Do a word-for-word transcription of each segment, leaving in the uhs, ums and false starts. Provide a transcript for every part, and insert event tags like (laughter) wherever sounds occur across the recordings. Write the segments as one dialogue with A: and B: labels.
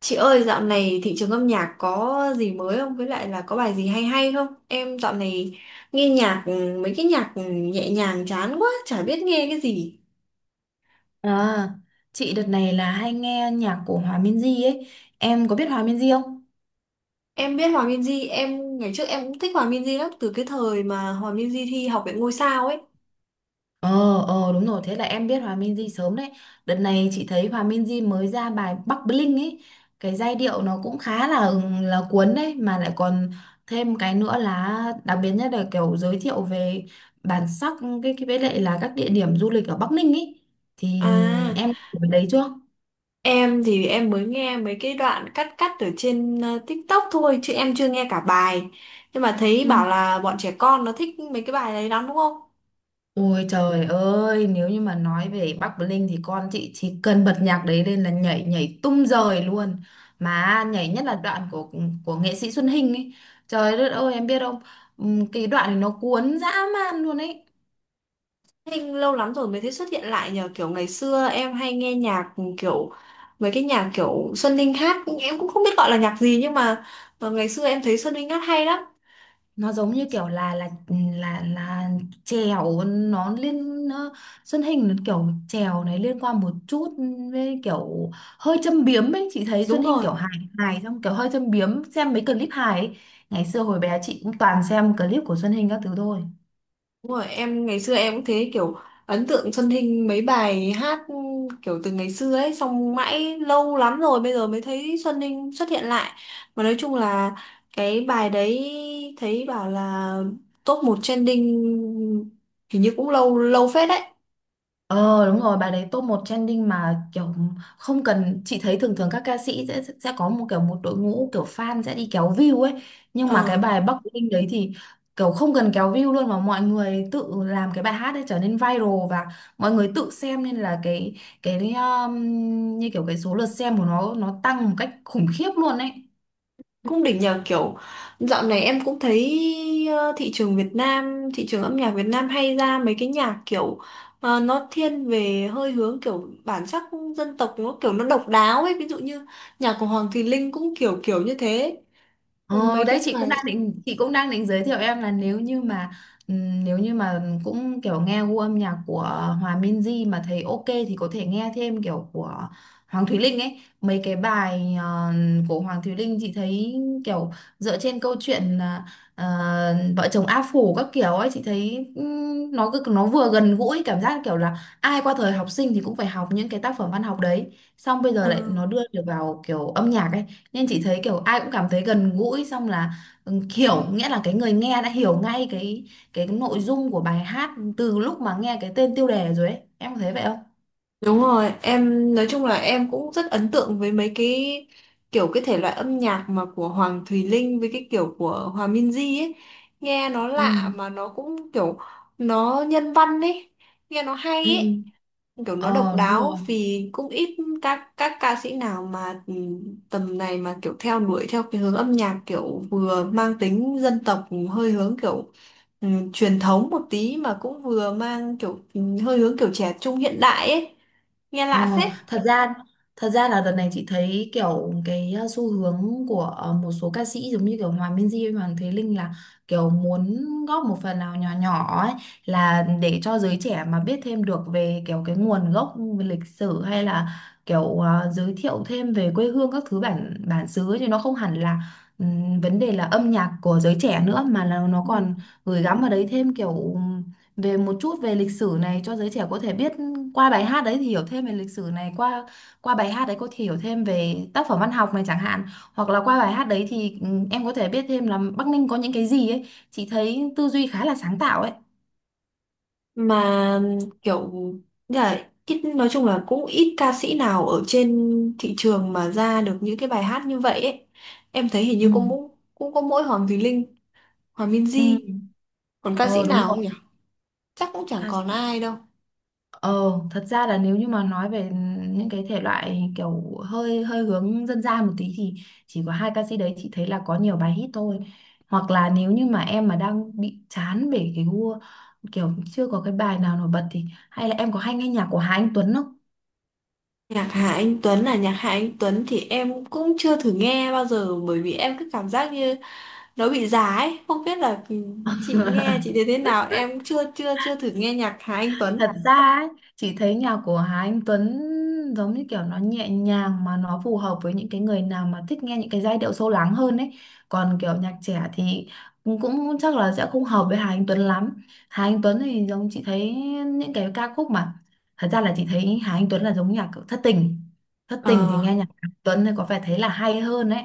A: Chị ơi, dạo này thị trường âm nhạc có gì mới không? Với lại là có bài gì hay hay không? Em dạo này nghe nhạc ừ, mấy cái nhạc ừ, nhẹ nhàng chán quá, chả biết nghe cái gì.
B: À, chị đợt này là hay nghe nhạc của Hòa Minzy ấy. Em có biết Hòa Minzy không?
A: Em biết Hòa Minzy, em ngày trước em cũng thích Hòa Minzy lắm từ cái thời mà Hòa Minzy thi Học viện Ngôi sao ấy.
B: Ờ, ờ đúng rồi, thế là em biết Hòa Minzy sớm đấy. Đợt này chị thấy Hòa Minzy mới ra bài Bắc Bling ấy. Cái giai điệu nó cũng khá là là cuốn đấy, mà lại còn thêm cái nữa là đặc biệt nhất là kiểu giới thiệu về bản sắc cái cái với lại là các địa điểm du lịch ở Bắc Ninh ấy. Thì
A: À,
B: em có biết đấy chưa?
A: em thì em mới nghe mấy cái đoạn cắt cắt ở trên ờ, TikTok thôi chứ em chưa nghe cả bài. Nhưng mà thấy bảo là bọn trẻ con nó thích mấy cái bài đấy lắm đúng không?
B: Ôi trời ơi, nếu như mà nói về Bắc Bling thì con chị chỉ cần bật nhạc đấy lên là nhảy nhảy tung rời luôn. Mà nhảy nhất là đoạn của của nghệ sĩ Xuân Hinh ấy. Trời đất ơi, em biết không? Ừm, Cái đoạn này nó cuốn dã man luôn ấy.
A: Thanh lâu lắm rồi mới thấy xuất hiện lại nhờ kiểu ngày xưa em hay nghe nhạc kiểu mấy cái nhạc kiểu Xuân linh hát em cũng không biết gọi là nhạc gì, nhưng mà ờ, ngày xưa em thấy Xuân linh hát hay lắm.
B: Nó giống như kiểu là là là là chèo nó liên nó, Xuân Hình nó kiểu chèo này liên quan một chút với kiểu hơi châm biếm ấy. Chị thấy
A: Đúng
B: Xuân Hình
A: rồi,
B: kiểu hài hài, xong kiểu hơi châm biếm, xem mấy clip hài ấy. Ngày xưa hồi bé chị cũng toàn xem clip của Xuân Hình các thứ thôi.
A: đúng rồi, em ngày xưa em cũng thế, kiểu ấn tượng Xuân Ninh mấy bài hát kiểu từ ngày xưa ấy, xong mãi lâu lắm rồi bây giờ mới thấy Xuân Ninh xuất hiện lại. Mà nói chung là cái bài đấy thấy bảo là top một trending, hình như cũng lâu lâu phết đấy.
B: Ờ đúng rồi, bài đấy top một trending, mà kiểu không cần, chị thấy thường thường các ca sĩ sẽ sẽ có một kiểu một đội ngũ kiểu fan sẽ đi kéo view ấy, nhưng mà
A: Ờ.
B: cái bài Bắc Linh đấy thì kiểu không cần kéo view luôn, mà mọi người tự làm cái bài hát ấy trở nên viral, và mọi người tự xem, nên là cái cái um, như kiểu cái số lượt xem của nó nó tăng một cách khủng khiếp luôn ấy.
A: Cũng đỉnh nhờ, kiểu dạo này em cũng thấy ờ, thị trường Việt Nam thị trường âm nhạc Việt Nam hay ra mấy cái nhạc kiểu ờ, nó thiên về hơi hướng kiểu bản sắc dân tộc, nó kiểu nó độc đáo ấy, ví dụ như nhạc của Hoàng Thùy Linh cũng kiểu kiểu như thế. Ừ,
B: Ờ,
A: mấy
B: đấy
A: cái
B: chị cũng
A: bài
B: đang định chị cũng đang định giới thiệu em là nếu như mà ừm, nếu như mà cũng kiểu nghe gu âm nhạc của Hòa Minzy mà thấy ok thì có thể nghe thêm kiểu của Hoàng Thùy Linh ấy. Mấy cái bài ờ, của Hoàng Thùy Linh, chị thấy kiểu dựa trên câu chuyện là ờ, vợ chồng A Phủ các kiểu ấy. Chị thấy ừm, nó cứ nó vừa gần gũi, cảm giác kiểu là ai qua thời học sinh thì cũng phải học những cái tác phẩm văn học đấy, xong bây giờ
A: ờ.
B: lại nó đưa được vào kiểu âm nhạc ấy, nên chị thấy kiểu ai cũng cảm thấy gần gũi, xong là ừ, hiểu nghĩa là cái người nghe đã hiểu ngay cái cái nội dung của bài hát từ lúc mà nghe cái tên tiêu đề rồi ấy. Em có thấy vậy không?
A: Đúng rồi, em nói chung là em cũng rất ấn tượng với mấy cái kiểu cái thể loại âm nhạc mà của Hoàng Thùy Linh với cái kiểu của Hòa Minzy ấy. Nghe nó
B: Ừ.
A: lạ mà nó cũng kiểu nó nhân văn ấy, nghe nó hay
B: Ừ.
A: ấy, kiểu nó độc
B: Ờ đúng rồi.
A: đáo vì cũng ít các các ca sĩ nào mà ừ, tầm này mà kiểu theo đuổi theo cái hướng âm nhạc kiểu vừa mang tính dân tộc hơi hướng kiểu ừ, truyền thống một tí mà cũng vừa mang kiểu ừ, hơi hướng kiểu trẻ trung hiện đại ấy, nghe
B: Ờ,
A: lạ phết.
B: thật ra thật ra là đợt này chị thấy kiểu cái uh, xu hướng của uh, một số ca sĩ giống như kiểu Hòa Minzy hay Hoàng Thế Linh là kiểu muốn góp một phần nào nhỏ nhỏ ấy, là để cho giới trẻ mà biết thêm được về kiểu cái nguồn gốc về lịch sử, hay là kiểu uh, giới thiệu thêm về quê hương các thứ bản bản xứ ấy, chứ nó không hẳn là ừm, vấn đề là âm nhạc của giới trẻ nữa, mà là nó
A: Ừ.
B: còn gửi gắm vào đấy thêm kiểu về một chút về lịch sử này cho giới trẻ có thể biết, qua bài hát đấy thì hiểu thêm về lịch sử này, qua qua bài hát đấy có thể hiểu thêm về tác phẩm văn học này chẳng hạn, hoặc là qua bài hát đấy thì ừ, em có thể biết thêm là Bắc Ninh có những cái gì ấy. Chị thấy tư duy khá là sáng tạo ấy.
A: Mà kiểu như là ít, nói chung là cũng ít ca sĩ nào ở trên thị trường mà ra được những cái bài hát như vậy ấy. Em thấy hình
B: Ừ.
A: như cũng cũng có mỗi Hoàng Thùy Linh, Hoàng
B: Ừ.
A: Minzy. Còn ca sĩ
B: Ờ đúng
A: nào
B: rồi.
A: không nhỉ? Chắc cũng chẳng
B: Ca-
A: còn ai đâu.
B: Ờ, thật ra là nếu như mà nói về những cái thể loại kiểu hơi hơi hướng dân gian một tí thì chỉ có hai ca sĩ đấy, chị thấy là có nhiều bài hit thôi. Hoặc là nếu như mà em mà đang bị chán về cái gu, kiểu chưa có cái bài nào nổi bật, thì hay là em có hay nghe nhạc của Hà Anh Tuấn không?
A: Nhạc Hà Anh Tuấn, là nhạc Hà Anh Tuấn thì em cũng chưa thử nghe bao giờ, bởi vì em cứ cảm giác như nó bị già ấy. Không biết là chị nghe chị thấy thế nào. Em chưa chưa chưa thử nghe nhạc Hà Anh Tuấn.
B: Thật ra ấy, chị thấy nhạc của Hà Anh Tuấn giống như kiểu nó nhẹ nhàng, mà nó phù hợp với những cái người nào mà thích nghe những cái giai điệu sâu lắng hơn ấy. Còn kiểu nhạc trẻ thì cũng, cũng chắc là sẽ không hợp với Hà Anh Tuấn lắm. Hà Anh Tuấn thì giống chị thấy những cái ca khúc mà, thật ra là chị thấy Hà Anh Tuấn là giống nhạc kiểu thất tình. Thất tình thì
A: Ờ.
B: nghe nhạc Hà Anh Tuấn thì có vẻ thấy là hay hơn ấy.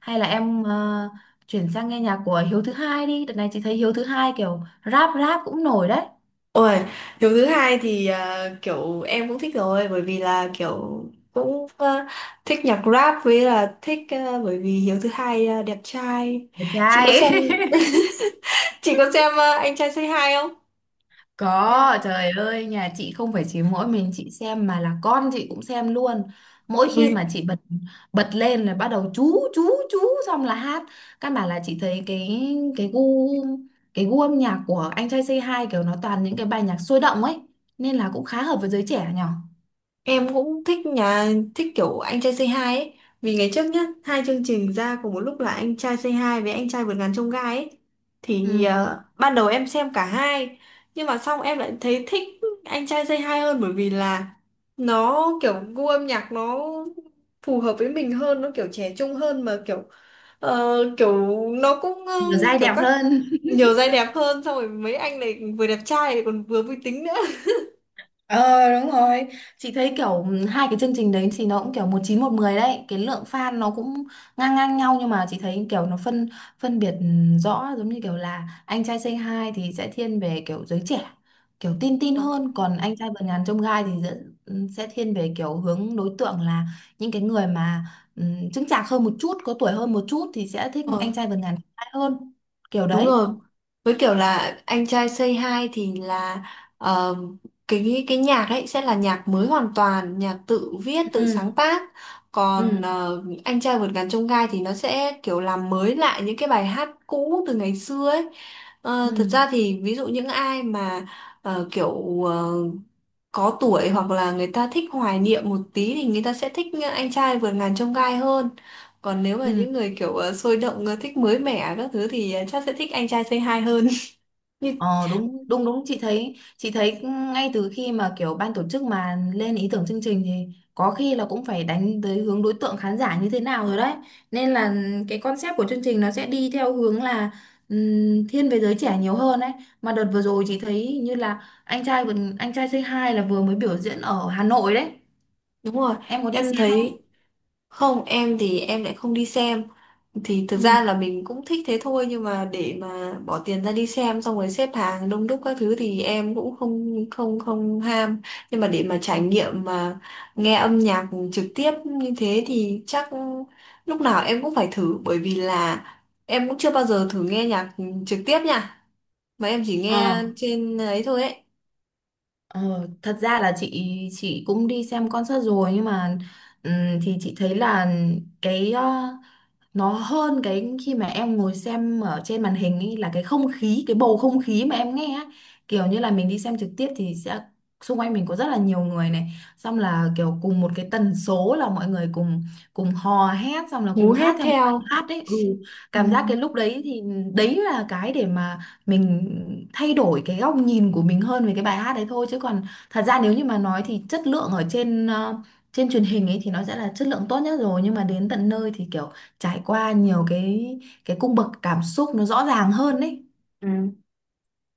B: Hay là em ờ, chuyển sang nghe nhạc của Hiếu thứ hai đi. Đợt này chị thấy Hiếu thứ hai kiểu rap rap cũng nổi đấy.
A: Ôi, điều thứ hai thì à, kiểu em cũng thích rồi, bởi vì là kiểu cũng à, thích nhạc rap, với là thích à, bởi vì Hiếu thứ hai à, đẹp trai.
B: Đẹp
A: Chị có
B: trai
A: xem
B: (laughs)
A: (laughs) chị có xem à, anh trai Say Hi không? Hay,
B: Có, trời ơi, nhà chị không phải chỉ mỗi mình chị xem mà là con chị cũng xem luôn. Mỗi
A: ui,
B: khi mà chị bật bật lên là bắt đầu chú chú chú xong là hát. Căn bản là chị thấy cái cái gu cái gu âm nhạc của anh trai Say Hi kiểu nó toàn những cái bài nhạc sôi động ấy, nên là cũng khá hợp với giới trẻ nhở.
A: em cũng thích, nhà thích kiểu anh trai Say Hi ấy, vì ngày trước nhá hai chương trình ra cùng một lúc là anh trai Say Hi với anh trai vượt ngàn chông gai ấy, thì
B: Ừ,
A: ờ, ban đầu em xem cả hai, nhưng mà xong em lại thấy thích anh trai Say Hi hơn, bởi vì là nó kiểu gu âm nhạc nó phù hợp với mình hơn, nó kiểu trẻ trung hơn mà kiểu ờ, kiểu nó cũng ờ,
B: nhiều giai
A: kiểu
B: đẹp
A: các
B: hơn.
A: nhiều giai đẹp hơn, xong rồi mấy anh này vừa đẹp trai lại còn vừa vui tính nữa.
B: Ờ đúng rồi. Chị thấy kiểu ừm, hai cái chương trình đấy thì nó cũng kiểu một chín một mười đấy. Cái lượng fan nó cũng ngang ngang nhau. Nhưng mà chị thấy kiểu nó phân phân biệt ừm, rõ. Giống như kiểu là anh trai Say Hi thì sẽ thiên về kiểu giới trẻ, kiểu tin tin hơn. Còn anh trai vượt ngàn chông gai thì sẽ, ừm, sẽ thiên về kiểu hướng đối tượng là những cái người mà um, chững chạc hơn một chút, có tuổi hơn một chút, thì sẽ thích
A: Ờ,
B: anh trai vượt ngàn chông gai hơn. Kiểu
A: đúng
B: đấy.
A: rồi. Với kiểu là anh trai Say Hi thì là ờ, cái cái nhạc ấy sẽ là nhạc mới hoàn toàn, nhạc tự viết, tự sáng
B: Ừ.
A: tác.
B: Ừ.
A: Còn ờ, anh trai vượt ngàn chông gai thì nó sẽ kiểu làm mới lại những cái bài hát cũ từ ngày xưa ấy. Ờ, thật
B: Ừ.
A: ra thì ví dụ những ai mà ờ, kiểu ờ, có tuổi hoặc là người ta thích hoài niệm một tí thì người ta sẽ thích ờ, anh trai vượt ngàn chông gai hơn. Còn nếu mà
B: Ừ.
A: những người kiểu ờ, sôi động, ờ, thích mới mẻ các thứ thì ờ, chắc sẽ thích anh trai Say Hi hơn. (laughs) Nhưng
B: Ờ, đúng đúng đúng, chị thấy chị thấy ngay từ khi mà kiểu ban tổ chức mà lên ý tưởng chương trình thì có khi là cũng phải đánh tới hướng đối tượng khán giả như thế nào rồi đấy, nên là cái concept của chương trình nó sẽ đi theo hướng là ừm, thiên về giới trẻ nhiều hơn ấy. Mà đợt vừa rồi chị thấy như là anh trai vừa- anh trai Say Hi là vừa mới biểu diễn ở Hà Nội đấy.
A: đúng rồi,
B: Em có đi
A: em
B: xem không?
A: thấy. Không, em thì em lại không đi xem. Thì thực ra
B: Ừ.
A: là mình cũng thích thế thôi, nhưng mà để mà bỏ tiền ra đi xem xong rồi xếp hàng đông đúc các thứ thì em cũng không không không ham. Nhưng mà để mà trải nghiệm, mà nghe âm nhạc trực tiếp như thế thì chắc lúc nào em cũng phải thử, bởi vì là em cũng chưa bao giờ thử nghe nhạc trực tiếp nha. Mà em chỉ
B: Ờ.
A: nghe trên ấy thôi ấy.
B: Ờ, thật ra là chị chị cũng đi xem concert rồi, nhưng mà ừm, thì chị thấy là cái ờ, nó hơn cái khi mà em ngồi xem ở trên màn hình ấy là cái không khí, cái bầu không khí mà em nghe á, kiểu như là mình đi xem trực tiếp thì sẽ xung quanh mình có rất là nhiều người này, xong là kiểu cùng một cái tần số là mọi người cùng cùng hò hét, xong là
A: Hú
B: cùng hát
A: hét
B: theo một
A: theo.
B: bài hát đấy, ừ,
A: Ừ.
B: cảm giác cái lúc đấy thì đấy là cái để mà mình thay đổi cái góc nhìn của mình hơn về cái bài hát đấy thôi, chứ còn thật ra nếu như mà nói thì chất lượng ở trên ờ, trên truyền hình ấy thì nó sẽ là chất lượng tốt nhất rồi, nhưng mà đến tận nơi thì kiểu trải qua nhiều cái cái cung bậc cảm xúc nó rõ ràng hơn ấy.
A: Ừ.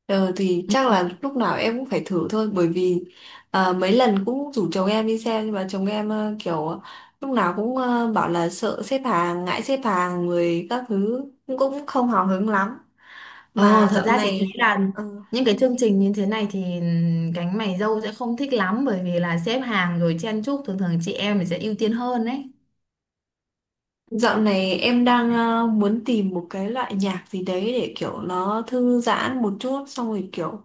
A: Ờ, thì chắc
B: Ừ.
A: là lúc nào em cũng phải thử thôi, bởi vì à, mấy lần cũng rủ chồng em đi xem, nhưng mà chồng em ờ, kiểu lúc nào cũng ờ, bảo là sợ xếp hàng, ngại xếp hàng người các thứ, cũng cũng không hào hứng lắm.
B: Ờ,
A: Mà
B: thật
A: dạo
B: ra chị thấy
A: này
B: là
A: ờ,
B: những cái chương trình như thế này thì ừ, cánh mày râu sẽ không thích lắm, bởi vì là xếp hàng rồi chen chúc, thường thường chị em thì sẽ ưu tiên hơn đấy.
A: dạo này em đang ờ, muốn tìm một cái loại nhạc gì đấy để kiểu nó thư giãn một chút, xong rồi kiểu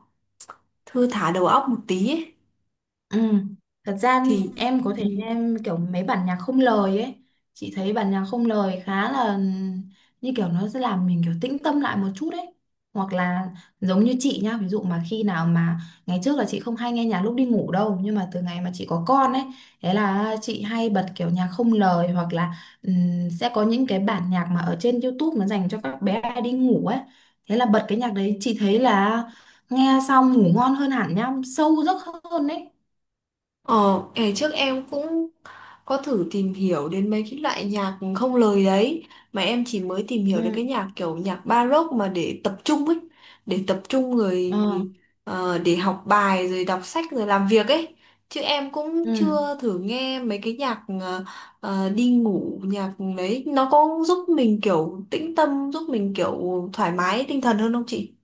A: thư thả đầu óc một tí ấy.
B: Ừ. Thật ra
A: Thì
B: em có thể
A: thì
B: em kiểu mấy bản nhạc không lời ấy, chị thấy bản nhạc không lời khá là như kiểu nó sẽ làm mình kiểu tĩnh tâm lại một chút ấy, hoặc là giống như chị nhá, ví dụ mà khi nào mà ngày trước là chị không hay nghe nhạc lúc đi ngủ đâu, nhưng mà từ ngày mà chị có con ấy, thế là chị hay bật kiểu nhạc không lời hoặc là ừm, sẽ có những cái bản nhạc mà ở trên YouTube nó dành cho các bé đi ngủ ấy, thế là bật cái nhạc đấy chị thấy là nghe xong ngủ ngon hơn hẳn nhá, sâu giấc hơn đấy.
A: ờ Ngày trước em cũng có thử tìm hiểu đến mấy cái loại nhạc không lời đấy, mà em chỉ mới tìm hiểu được
B: Ừ.
A: cái nhạc kiểu nhạc baroque mà để tập trung ấy, để tập trung
B: Ờ.
A: rồi ờ, để học bài rồi đọc sách rồi làm việc ấy, chứ em cũng
B: Ừ.
A: chưa thử nghe mấy cái nhạc ờ, ờ, đi ngủ. Nhạc đấy nó có giúp mình kiểu tĩnh tâm, giúp mình kiểu thoải mái tinh thần hơn không chị?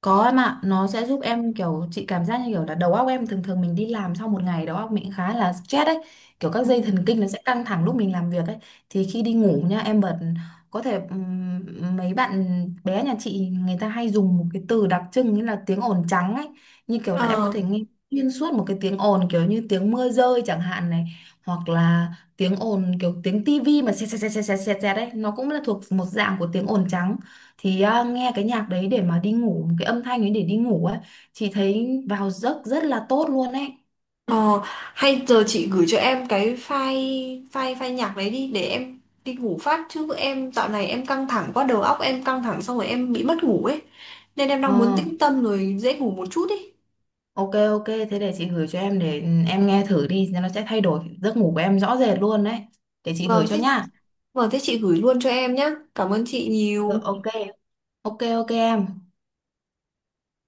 B: Có em ạ, nó sẽ giúp em kiểu chị cảm giác như kiểu là đầu óc em, thường thường mình đi làm sau một ngày đầu óc mình khá là stress ấy, kiểu các
A: Ừ.
B: dây thần kinh nó sẽ căng thẳng lúc mình làm việc ấy, thì khi đi ngủ nha em bật, có thể ừm, mấy bạn bé nhà chị người ta hay dùng một cái từ đặc trưng như là tiếng ồn trắng ấy, như kiểu là em có
A: Ờ
B: thể nghe xuyên suốt một cái tiếng ồn kiểu như tiếng mưa rơi chẳng hạn này, hoặc là tiếng ồn kiểu tiếng tivi mà xẹt xẹt xẹt xẹt xẹt xẹt đấy, nó cũng là thuộc một dạng của tiếng ồn trắng, thì à, nghe cái nhạc đấy để mà đi ngủ, cái âm thanh ấy để đi ngủ ấy, chị thấy vào giấc rất là tốt luôn ấy.
A: Ờ, hay giờ chị gửi cho em cái file file file nhạc đấy đi để em đi ngủ phát, chứ em dạo này em căng thẳng quá, đầu óc em căng thẳng xong rồi em bị mất ngủ ấy, nên em
B: Ờ,
A: đang muốn tĩnh tâm rồi dễ ngủ một chút ấy.
B: ok, ok, thế để chị gửi cho em để ừ, em nghe thử đi, nó sẽ thay đổi giấc ngủ của em rõ rệt luôn đấy, để chị gửi
A: Vâng
B: cho
A: thế,
B: nhá.
A: vâng thế chị gửi luôn cho em nhá. Cảm ơn chị
B: Rồi,
A: nhiều.
B: ok, ok, ok em